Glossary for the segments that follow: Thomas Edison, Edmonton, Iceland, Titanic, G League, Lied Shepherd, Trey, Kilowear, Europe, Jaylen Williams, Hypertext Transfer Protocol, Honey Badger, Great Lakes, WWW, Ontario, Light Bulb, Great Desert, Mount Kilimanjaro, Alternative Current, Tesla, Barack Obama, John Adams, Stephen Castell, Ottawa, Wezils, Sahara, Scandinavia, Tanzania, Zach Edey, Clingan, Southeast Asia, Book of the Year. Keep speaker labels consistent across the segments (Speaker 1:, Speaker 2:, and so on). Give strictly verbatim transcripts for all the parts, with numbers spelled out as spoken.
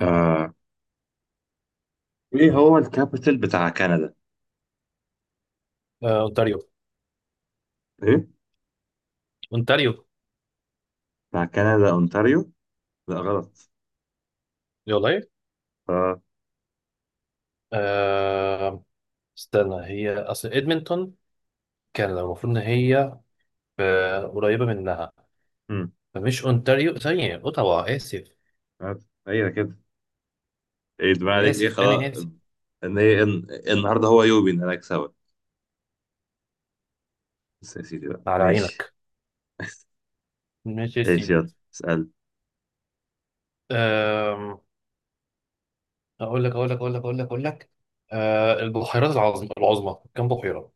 Speaker 1: آه. ايه هو الكابيتال بتاع كندا؟
Speaker 2: آه، اونتاريو.
Speaker 1: ايه؟
Speaker 2: اونتاريو
Speaker 1: بتاع كندا اونتاريو؟ لا غلط.
Speaker 2: دي والله.
Speaker 1: آه.
Speaker 2: آه، استنى، هي اصل ادمنتون كان المفروض ان هي آه، قريبه منها.
Speaker 1: مم.
Speaker 2: فمش اونتاريو ثانيه، اوتاوا، اسف.
Speaker 1: آه. ايه كده؟ ايه دماغ
Speaker 2: انا
Speaker 1: عليك؟ ايه
Speaker 2: اسف
Speaker 1: خلاص.
Speaker 2: انا اسف.
Speaker 1: ان ايه إن... النهارده هو يوبي ان انا اكسبك. بس يا سيدي بقى
Speaker 2: على
Speaker 1: ماشي.
Speaker 2: عينك. ماشي يا
Speaker 1: ايش
Speaker 2: سيدي.
Speaker 1: يلا اسال.
Speaker 2: آم، اقول لك اقول لك اقول لك اقول لك اقول لك، آه، البحيرات العظمى العظمى كام بحيره؟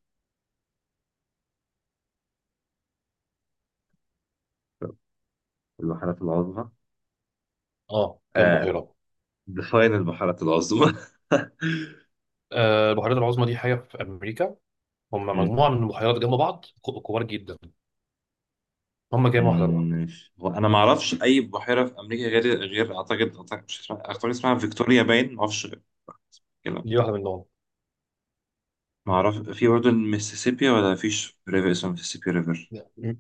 Speaker 1: البحيرات العظمى.
Speaker 2: اه، كام
Speaker 1: آه.
Speaker 2: بحيره؟
Speaker 1: ديفاين البحيرات العظمى.
Speaker 2: آه، البحيرات العظمى دي حاجه في امريكا. هم
Speaker 1: مم.
Speaker 2: مجموعه من البحيرات جنب بعض، كو- كبار جدا. هم كام واحده
Speaker 1: مم،
Speaker 2: بقى؟
Speaker 1: ماشي. هو انا ما اعرفش اي بحيره في امريكا، غير غير اعتقد اعتقد مش اسمها- اعتقد اسمها فيكتوريا، باين ما اعرفش.
Speaker 2: دي واحده منهم.
Speaker 1: ما اعرف في برضه الميسيسيبي، ولا فيش ريفر اسمه ميسيسيبي ريفر
Speaker 2: لا. م-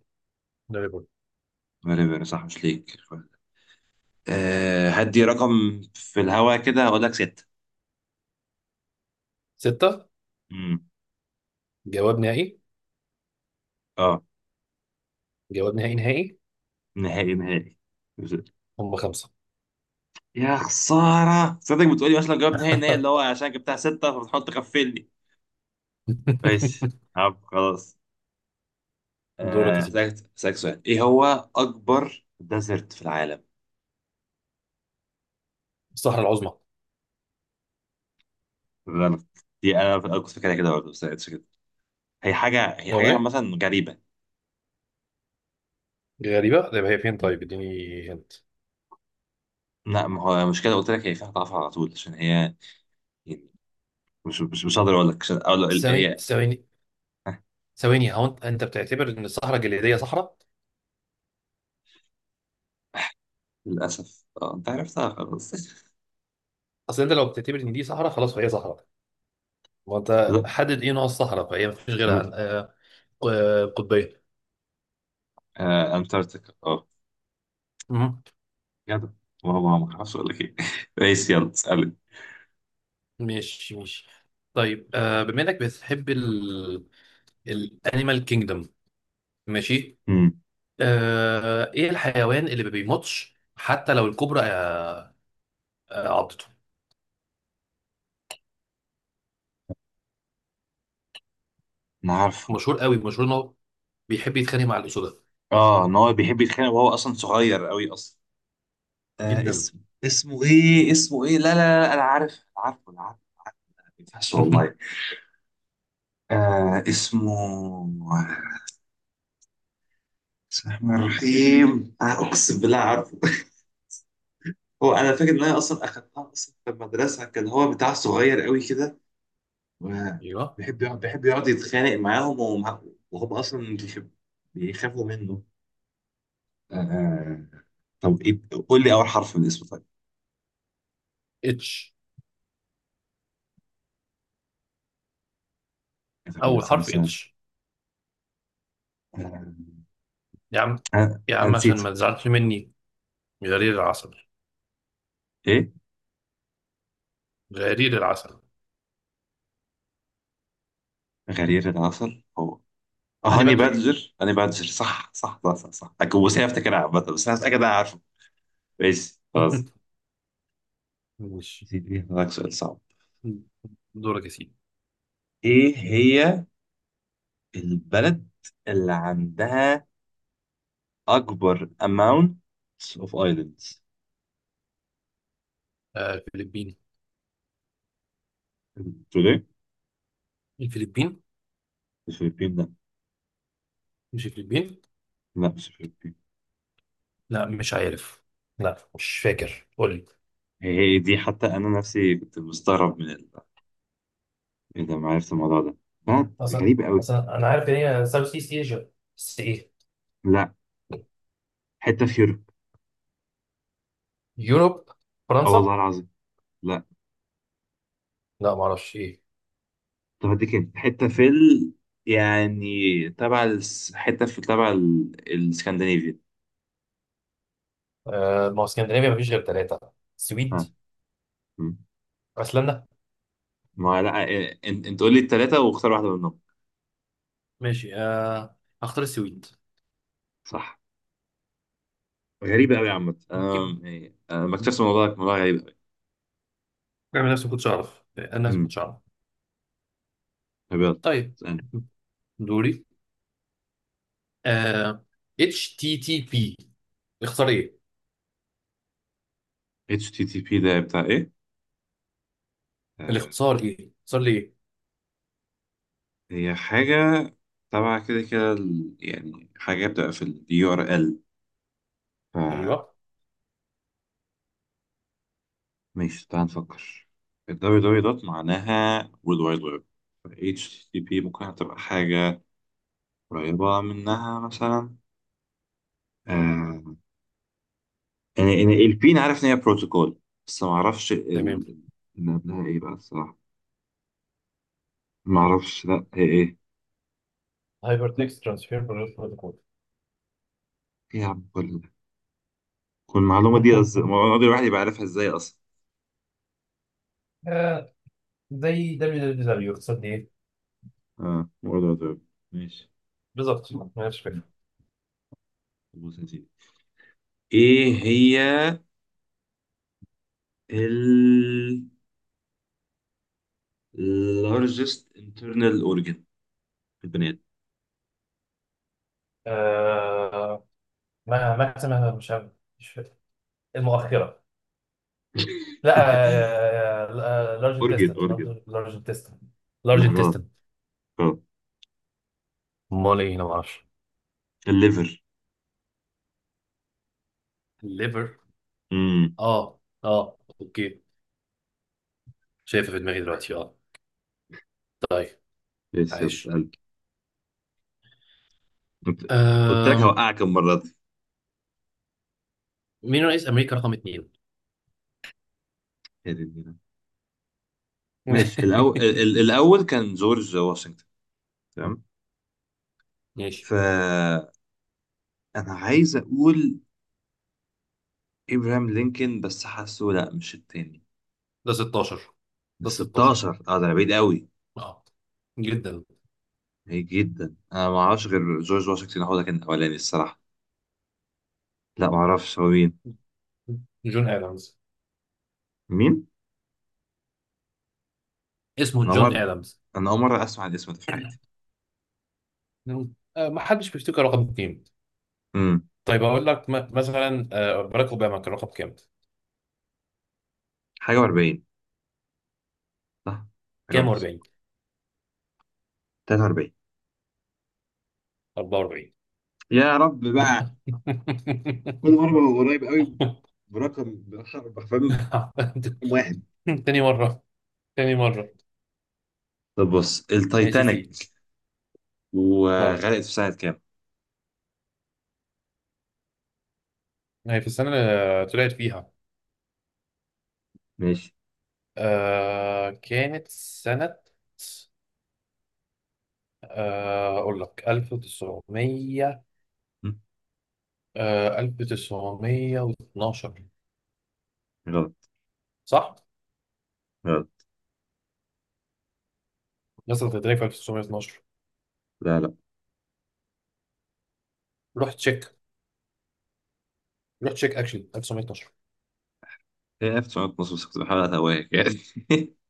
Speaker 2: ده.
Speaker 1: ريفر صح مش ليك. أه، هدي رقم في الهوا كده. اقول لك ستة.
Speaker 2: ستة.
Speaker 1: امم
Speaker 2: جواب نهائي.
Speaker 1: اه،
Speaker 2: جواب نهائي نهائي.
Speaker 1: نهائي نهائي.
Speaker 2: هم خمسة.
Speaker 1: يا خسارة، صدق بتقولي مثلا جواب نهائي نهائي، اللي هو عشان جبتها ستة فبتحط تغفلني. ماشي عب خلاص.
Speaker 2: دورك
Speaker 1: آه،
Speaker 2: يا سيدي.
Speaker 1: هسألك هسألك سؤال. ايه هو أكبر ديزرت في العالم؟
Speaker 2: الصحراء العظمى.
Speaker 1: غلط. دي أنا أنا كنت فاكرها كده برضه، بس ما لقيتش كده. هي حاجة هي
Speaker 2: يلا
Speaker 1: حاجة
Speaker 2: ايه؟
Speaker 1: مثلا غريبة.
Speaker 2: غريبة؟ طيب هي فين؟ طيب اديني هنت.
Speaker 1: لا، ما هو مش كده، قلت لك هي فيها ضعف على طول عشان هي يعني. مش مش مش هقدر اقول لك عشان اقول ال-
Speaker 2: ثواني،
Speaker 1: هي.
Speaker 2: ثواني،
Speaker 1: آه،
Speaker 2: ثواني. هو انت انت بتعتبر ان الصحراء الجليدية صحراء؟
Speaker 1: للاسف اه انت عرفتها خلاص.
Speaker 2: اصل انت لو بتعتبر ان دي صحراء خلاص فهي صحراء. وانت
Speaker 1: لا.
Speaker 2: حدد ايه نوع الصحراء فهي مفيش غيرها
Speaker 1: م.
Speaker 2: عن آه، آه، قطبية.
Speaker 1: آه، انتاركتيكا، اه.
Speaker 2: مم.
Speaker 1: جدع. والله ما اعرفش اقول لك ايه. ماشي، يلا اسالك.
Speaker 2: ماشي، ماشي. طيب، آه، بما انك بتحب الانيمال كينجدم. ماشي.
Speaker 1: امم.
Speaker 2: آه، ايه الحيوان اللي ما بيموتش حتى لو الكوبرا آه، آه، عضته؟
Speaker 1: انا عارفه.
Speaker 2: مشهور قوي، مشهور انه بيحب يتخانق مع الاسود
Speaker 1: اه، ان هو بيحب يتخانق، وهو اصلا صغير قوي اصلا. آه
Speaker 2: جدا.
Speaker 1: اسمه اسمه ايه؟ اسمه ايه؟ لا لا. لا، انا عارف، انا عارفه، انا عارفه، أنا عارفه. ما ينفعش والله. آه اسمه. بسم الله الرحمن الرحيم، آه اقسم بالله عارفه. هو انا فاكر ان انا اصلا اخدتها اصلا في المدرسه. كان هو بتاع صغير قوي كده،
Speaker 2: ايوه.
Speaker 1: وبيحب يقعد بيحب يقعد يتخانق معاهم، ومع- وهم اصلا بيخب- بيخافوا منه. آه. آه. طب ايه؟ قول لي اول حرف من اسمه طيب.
Speaker 2: اتش.
Speaker 1: انا
Speaker 2: اول حرف
Speaker 1: سنة.
Speaker 2: اتش.
Speaker 1: آه.
Speaker 2: يا عم.
Speaker 1: آه.
Speaker 2: يا عم، عشان
Speaker 1: نسيته.
Speaker 2: ما تزعلش مني. غرير العسل.
Speaker 1: ايه؟
Speaker 2: غرير العسل.
Speaker 1: غرير العسل، هو. آه،
Speaker 2: هاني
Speaker 1: هاني
Speaker 2: بادجر.
Speaker 1: بادجر، هاني بادجر، صح صح صح صح, صح. أكو- بس أنا كنت بصير افتكرها عامة، بس انا متاكد إن انا عارفه. ماشي خلاص.
Speaker 2: ماشي.
Speaker 1: هسألك سؤال صعب.
Speaker 2: دورك يا سيدي.
Speaker 1: ايه هي البلد اللي عندها اكبر amount of islands؟
Speaker 2: آه، الفلبين.
Speaker 1: تقول ايه؟
Speaker 2: الفلبين.
Speaker 1: الفلبين، لا.
Speaker 2: مش الفلبين؟
Speaker 1: لا مش الفلبين.
Speaker 2: لا، مش عارف. لا مش فاكر، قول لي.
Speaker 1: هي هي دي، حتى انا نفسي كنت مستغرب من ال... ايه ده، ما عرفت الموضوع ده. بلد
Speaker 2: اصلا
Speaker 1: غريب قوي.
Speaker 2: اصلا انا عارف ان هي ساوث ايست ايجا. بس ايه؟
Speaker 1: لا، حته في يوروب.
Speaker 2: يوروب؟
Speaker 1: اه
Speaker 2: فرنسا؟
Speaker 1: والله العظيم. لا.
Speaker 2: لا ما اعرفش ايه.
Speaker 1: طب اديك hint. حته في ال... يعني تبع الس... حته في تبع ال... الاسكندنافيا.
Speaker 2: آه ما هو اسكندنافيا ما فيش غير ثلاثه. السويد،
Speaker 1: ها. مم.
Speaker 2: ايسلندا.
Speaker 1: ما لا إيه، انت انت قول لي الثلاثه واختار واحده منهم.
Speaker 2: ماشي. آه هختار السويد.
Speaker 1: صح. غريبه قوي يا عم.
Speaker 2: يمكن.
Speaker 1: أم... إيه، أنا ما اكتشفت الموضوع ده، الموضوع غريب قوي.
Speaker 2: بعمل نفسي ما كنتش اعرف. انا نفسي ما
Speaker 1: امم.
Speaker 2: كنتش اعرف.
Speaker 1: طب يلا
Speaker 2: طيب.
Speaker 1: اسألني.
Speaker 2: دوري. آه اتش تي تي بي. اختار ايه؟
Speaker 1: H T T P ده بتاع ايه؟ آه
Speaker 2: الاختصار ايه، اختصار ليه؟
Speaker 1: هي حاجة تبع كده كده، ال- يعني حاجة بتبقى في ال U R L. فماشي.
Speaker 2: ايوه.
Speaker 1: تعال نفكر. ال www دوت معناها World Wide Web. ف اتش تي تي بي ممكن تبقى حاجة قريبة منها مثلا. آه يعني يعني ال P أنا عارف إن هي بروتوكول، بس معرفش
Speaker 2: تمام.
Speaker 1: ال- اللي قبلها إيه بقى الصراحة. معرفش، لأ هي إيه.
Speaker 2: هايبر تكست ترانسفير بروتوكول.
Speaker 1: إيه يا عم كل ده؟ كل المعلومة دي أز... المعلومة دي الواحد يبقى عارفها إزاي أصلا.
Speaker 2: آه، زي دبليو دبليو دبليو اقتصاد ايه؟
Speaker 1: آه World Wide Web. ماشي.
Speaker 2: بالظبط ما عنديش فكره.
Speaker 1: بص يا سيدي. ايه هي ال largest internal organ في البني ادم؟
Speaker 2: آه، ما ما ما- مش عارف. المؤخره. لا. لارج
Speaker 1: organ
Speaker 2: انتستين.
Speaker 1: organ.
Speaker 2: لارج انتستين. لارج
Speaker 1: لا غلط.
Speaker 2: انتستين.
Speaker 1: غلط.
Speaker 2: امال ايه؟ انا ما اعرفش.
Speaker 1: الليفر.
Speaker 2: الليفر.
Speaker 1: امم.
Speaker 2: اه، اه، اوكي. شايفه في دماغي دلوقتي، اه. طيب.
Speaker 1: ماشي يلا
Speaker 2: عايش.
Speaker 1: اسال. قلت قلت لك
Speaker 2: أم...
Speaker 1: هوقعك المره دي.
Speaker 2: مين رئيس امريكا رقم اتنين؟
Speaker 1: يا دي النيلة. ماشي. الأول الأول كان جورج واشنطن، تمام.
Speaker 2: ماشي.
Speaker 1: فأنا عايز أقول إبراهام لينكولن، بس حاسه لأ، مش التاني.
Speaker 2: ده ستة عشر.
Speaker 1: بس
Speaker 2: ده ستة عشر،
Speaker 1: ستاشر، اه، ده بعيد قوي.
Speaker 2: اه، جدا.
Speaker 1: بعيد جدا. أنا ما أعرفش غير جورج واشنطن، هو ده كان الأولاني الصراحة. لا، معرفش هو مين.
Speaker 2: جون ادمز.
Speaker 1: مين؟
Speaker 2: اسمه
Speaker 1: انا أول
Speaker 2: جون
Speaker 1: مرة
Speaker 2: ادمز.
Speaker 1: انا اول مرة اسمع الاسم ده في حياتي.
Speaker 2: مم. آه، ما حدش بيفتكر رقم اتنين.
Speaker 1: امم.
Speaker 2: طيب اقول لك، م- مثلا آه، باراك اوباما كان رقم كام؟
Speaker 1: حاجة و40، صح، حاجة
Speaker 2: كام
Speaker 1: و40،
Speaker 2: و40
Speaker 1: تلاتة واربعين.
Speaker 2: أربعة واربعين.
Speaker 1: يا رب بقى. كل مرة ببقى قريب قوي، برقم بح- بحرفين. واحد.
Speaker 2: تاني مرة، تاني مرة.
Speaker 1: طب بص،
Speaker 2: ماشي يا سيدي.
Speaker 1: التايتانيك
Speaker 2: مرة.
Speaker 1: وغرقت في سنة كام؟
Speaker 2: هي في السنة اللي طلعت فيها.
Speaker 1: ماشي.
Speaker 2: آه كانت سنة آه أقول لك ألف وتسعمية.
Speaker 1: مم.
Speaker 2: آه ألف وتسعمية واتناشر.
Speaker 1: غلط.
Speaker 2: صح؟
Speaker 1: غلط.
Speaker 2: مصر كانت في ألف وتسعمية واتناشر.
Speaker 1: لا لا،
Speaker 2: روح تشيك. روح تشيك اكشلي ألف وتسعمية واتناشر.
Speaker 1: هي ألف وتسعمية واتناشر، بس كنت بحاول اتوهك يعني.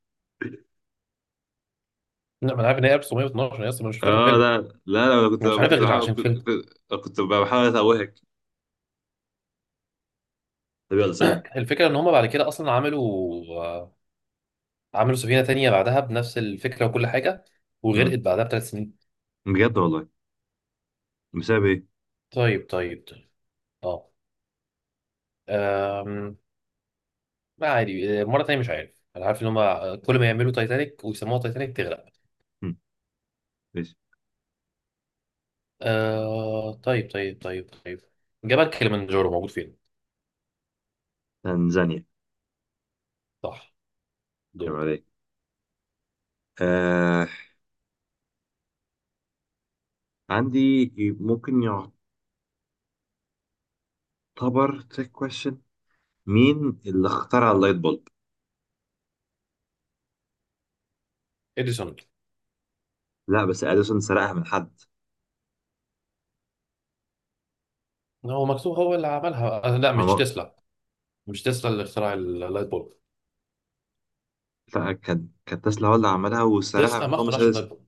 Speaker 2: لا ما انا عارف ان هي ألف وتسعمية واتناشر، انا اصلا ما شفتها في
Speaker 1: اه
Speaker 2: فيلم.
Speaker 1: لا لا لا. أنا كنت
Speaker 2: انا مش عارفها
Speaker 1: كنت
Speaker 2: غير
Speaker 1: بحاول،
Speaker 2: عشان
Speaker 1: كنت
Speaker 2: فيلم.
Speaker 1: كنت كنت بحاول اتوهك. طب يلا اسالني.
Speaker 2: الفكره ان هم بعد كده اصلا عملوا آه، عملوا سفينة تانية بعدها بنفس الفكرة وكل حاجة.
Speaker 1: مم.
Speaker 2: وغرقت بعدها بثلاث سنين.
Speaker 1: بجد والله. بسبب ايه؟
Speaker 2: طيب، طيب، طيب، اه، أم... ما عادي، آه، مرة تانية مش عارف. أنا عارف إن هما كل ما يعملوا تايتانيك ويسموها تايتانيك تغرق.
Speaker 1: مم. ماشي.
Speaker 2: أه... طيب، طيب، طيب، طيب. جبل كليمنجارو موجود فين؟
Speaker 1: تنزانيا.
Speaker 2: صح.
Speaker 1: يبقى
Speaker 2: دول.
Speaker 1: عليك. آه، عندي، ممكن يعتبر تريك كويشن. مين اللي اخترع اللايت بولب؟
Speaker 2: إديسون.
Speaker 1: لا بس اديسون سرقها من حد.
Speaker 2: هو مكتوب هو اللي عملها، آه، لا مش
Speaker 1: هو.
Speaker 2: تسلا. مش تسلا اللي اخترع اللايت بولب.
Speaker 1: لا كان، كانت تسلا. هو اللي عملها وسرقها
Speaker 2: تسلا
Speaker 1: من
Speaker 2: ما
Speaker 1: توماس
Speaker 2: اخترعش اللايت
Speaker 1: اديسون.
Speaker 2: بولب.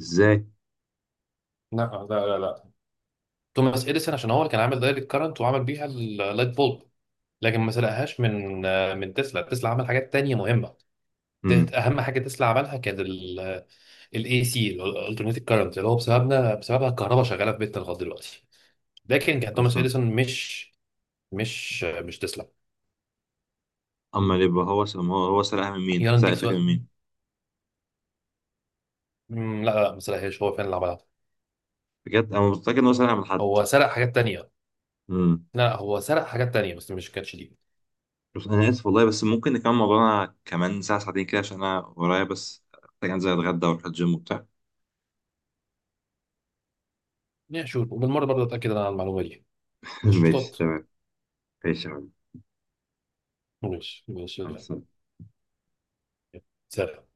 Speaker 1: ازاي.
Speaker 2: لا، لا، لا، لا. توماس إديسون، عشان هو اللي كان عامل دايركت كارنت وعمل بيها اللايت بولب. لكن ما سرقهاش من من تسلا. تسلا عمل حاجات تانية مهمة. ت-
Speaker 1: امم.
Speaker 2: اهم حاجه تسلا عملها كانت الاي سي الالترناتيف كارنت اللي هو بسببنا بسببها الكهرباء شغاله في بيتنا لغايه دلوقتي. لكن كان توماس
Speaker 1: اصلا.
Speaker 2: اديسون، مش مش مش تسلا.
Speaker 1: اما اللي يبقى هو سم- هو هو سرقها من مين؟
Speaker 2: يلا
Speaker 1: سرق
Speaker 2: نديك
Speaker 1: الفكره
Speaker 2: سؤال.
Speaker 1: من مين؟
Speaker 2: مم، لا لا، ما سرقهاش، هو فعلا اللي عملها.
Speaker 1: بجد انا متاكد ان هو سرقها من حد.
Speaker 2: هو سرق حاجات تانية.
Speaker 1: امم.
Speaker 2: لا هو سرق حاجات تانية بس مش كانتش دي.
Speaker 1: بس انا اسف والله، بس ممكن نكمل موضوعنا كمان ساعه ساعتين كده، عشان انا ورايا، بس محتاج انزل اتغدى واروح الجيم وبتاع.
Speaker 2: يا شوف، وبالمره برضه اتاكد انا على المعلومه دي.
Speaker 1: ماشي
Speaker 2: قشطات.
Speaker 1: تمام. ماشي يا حبيبي.
Speaker 2: ماشي، ماشي.
Speaker 1: مع السلامة.
Speaker 2: سرق.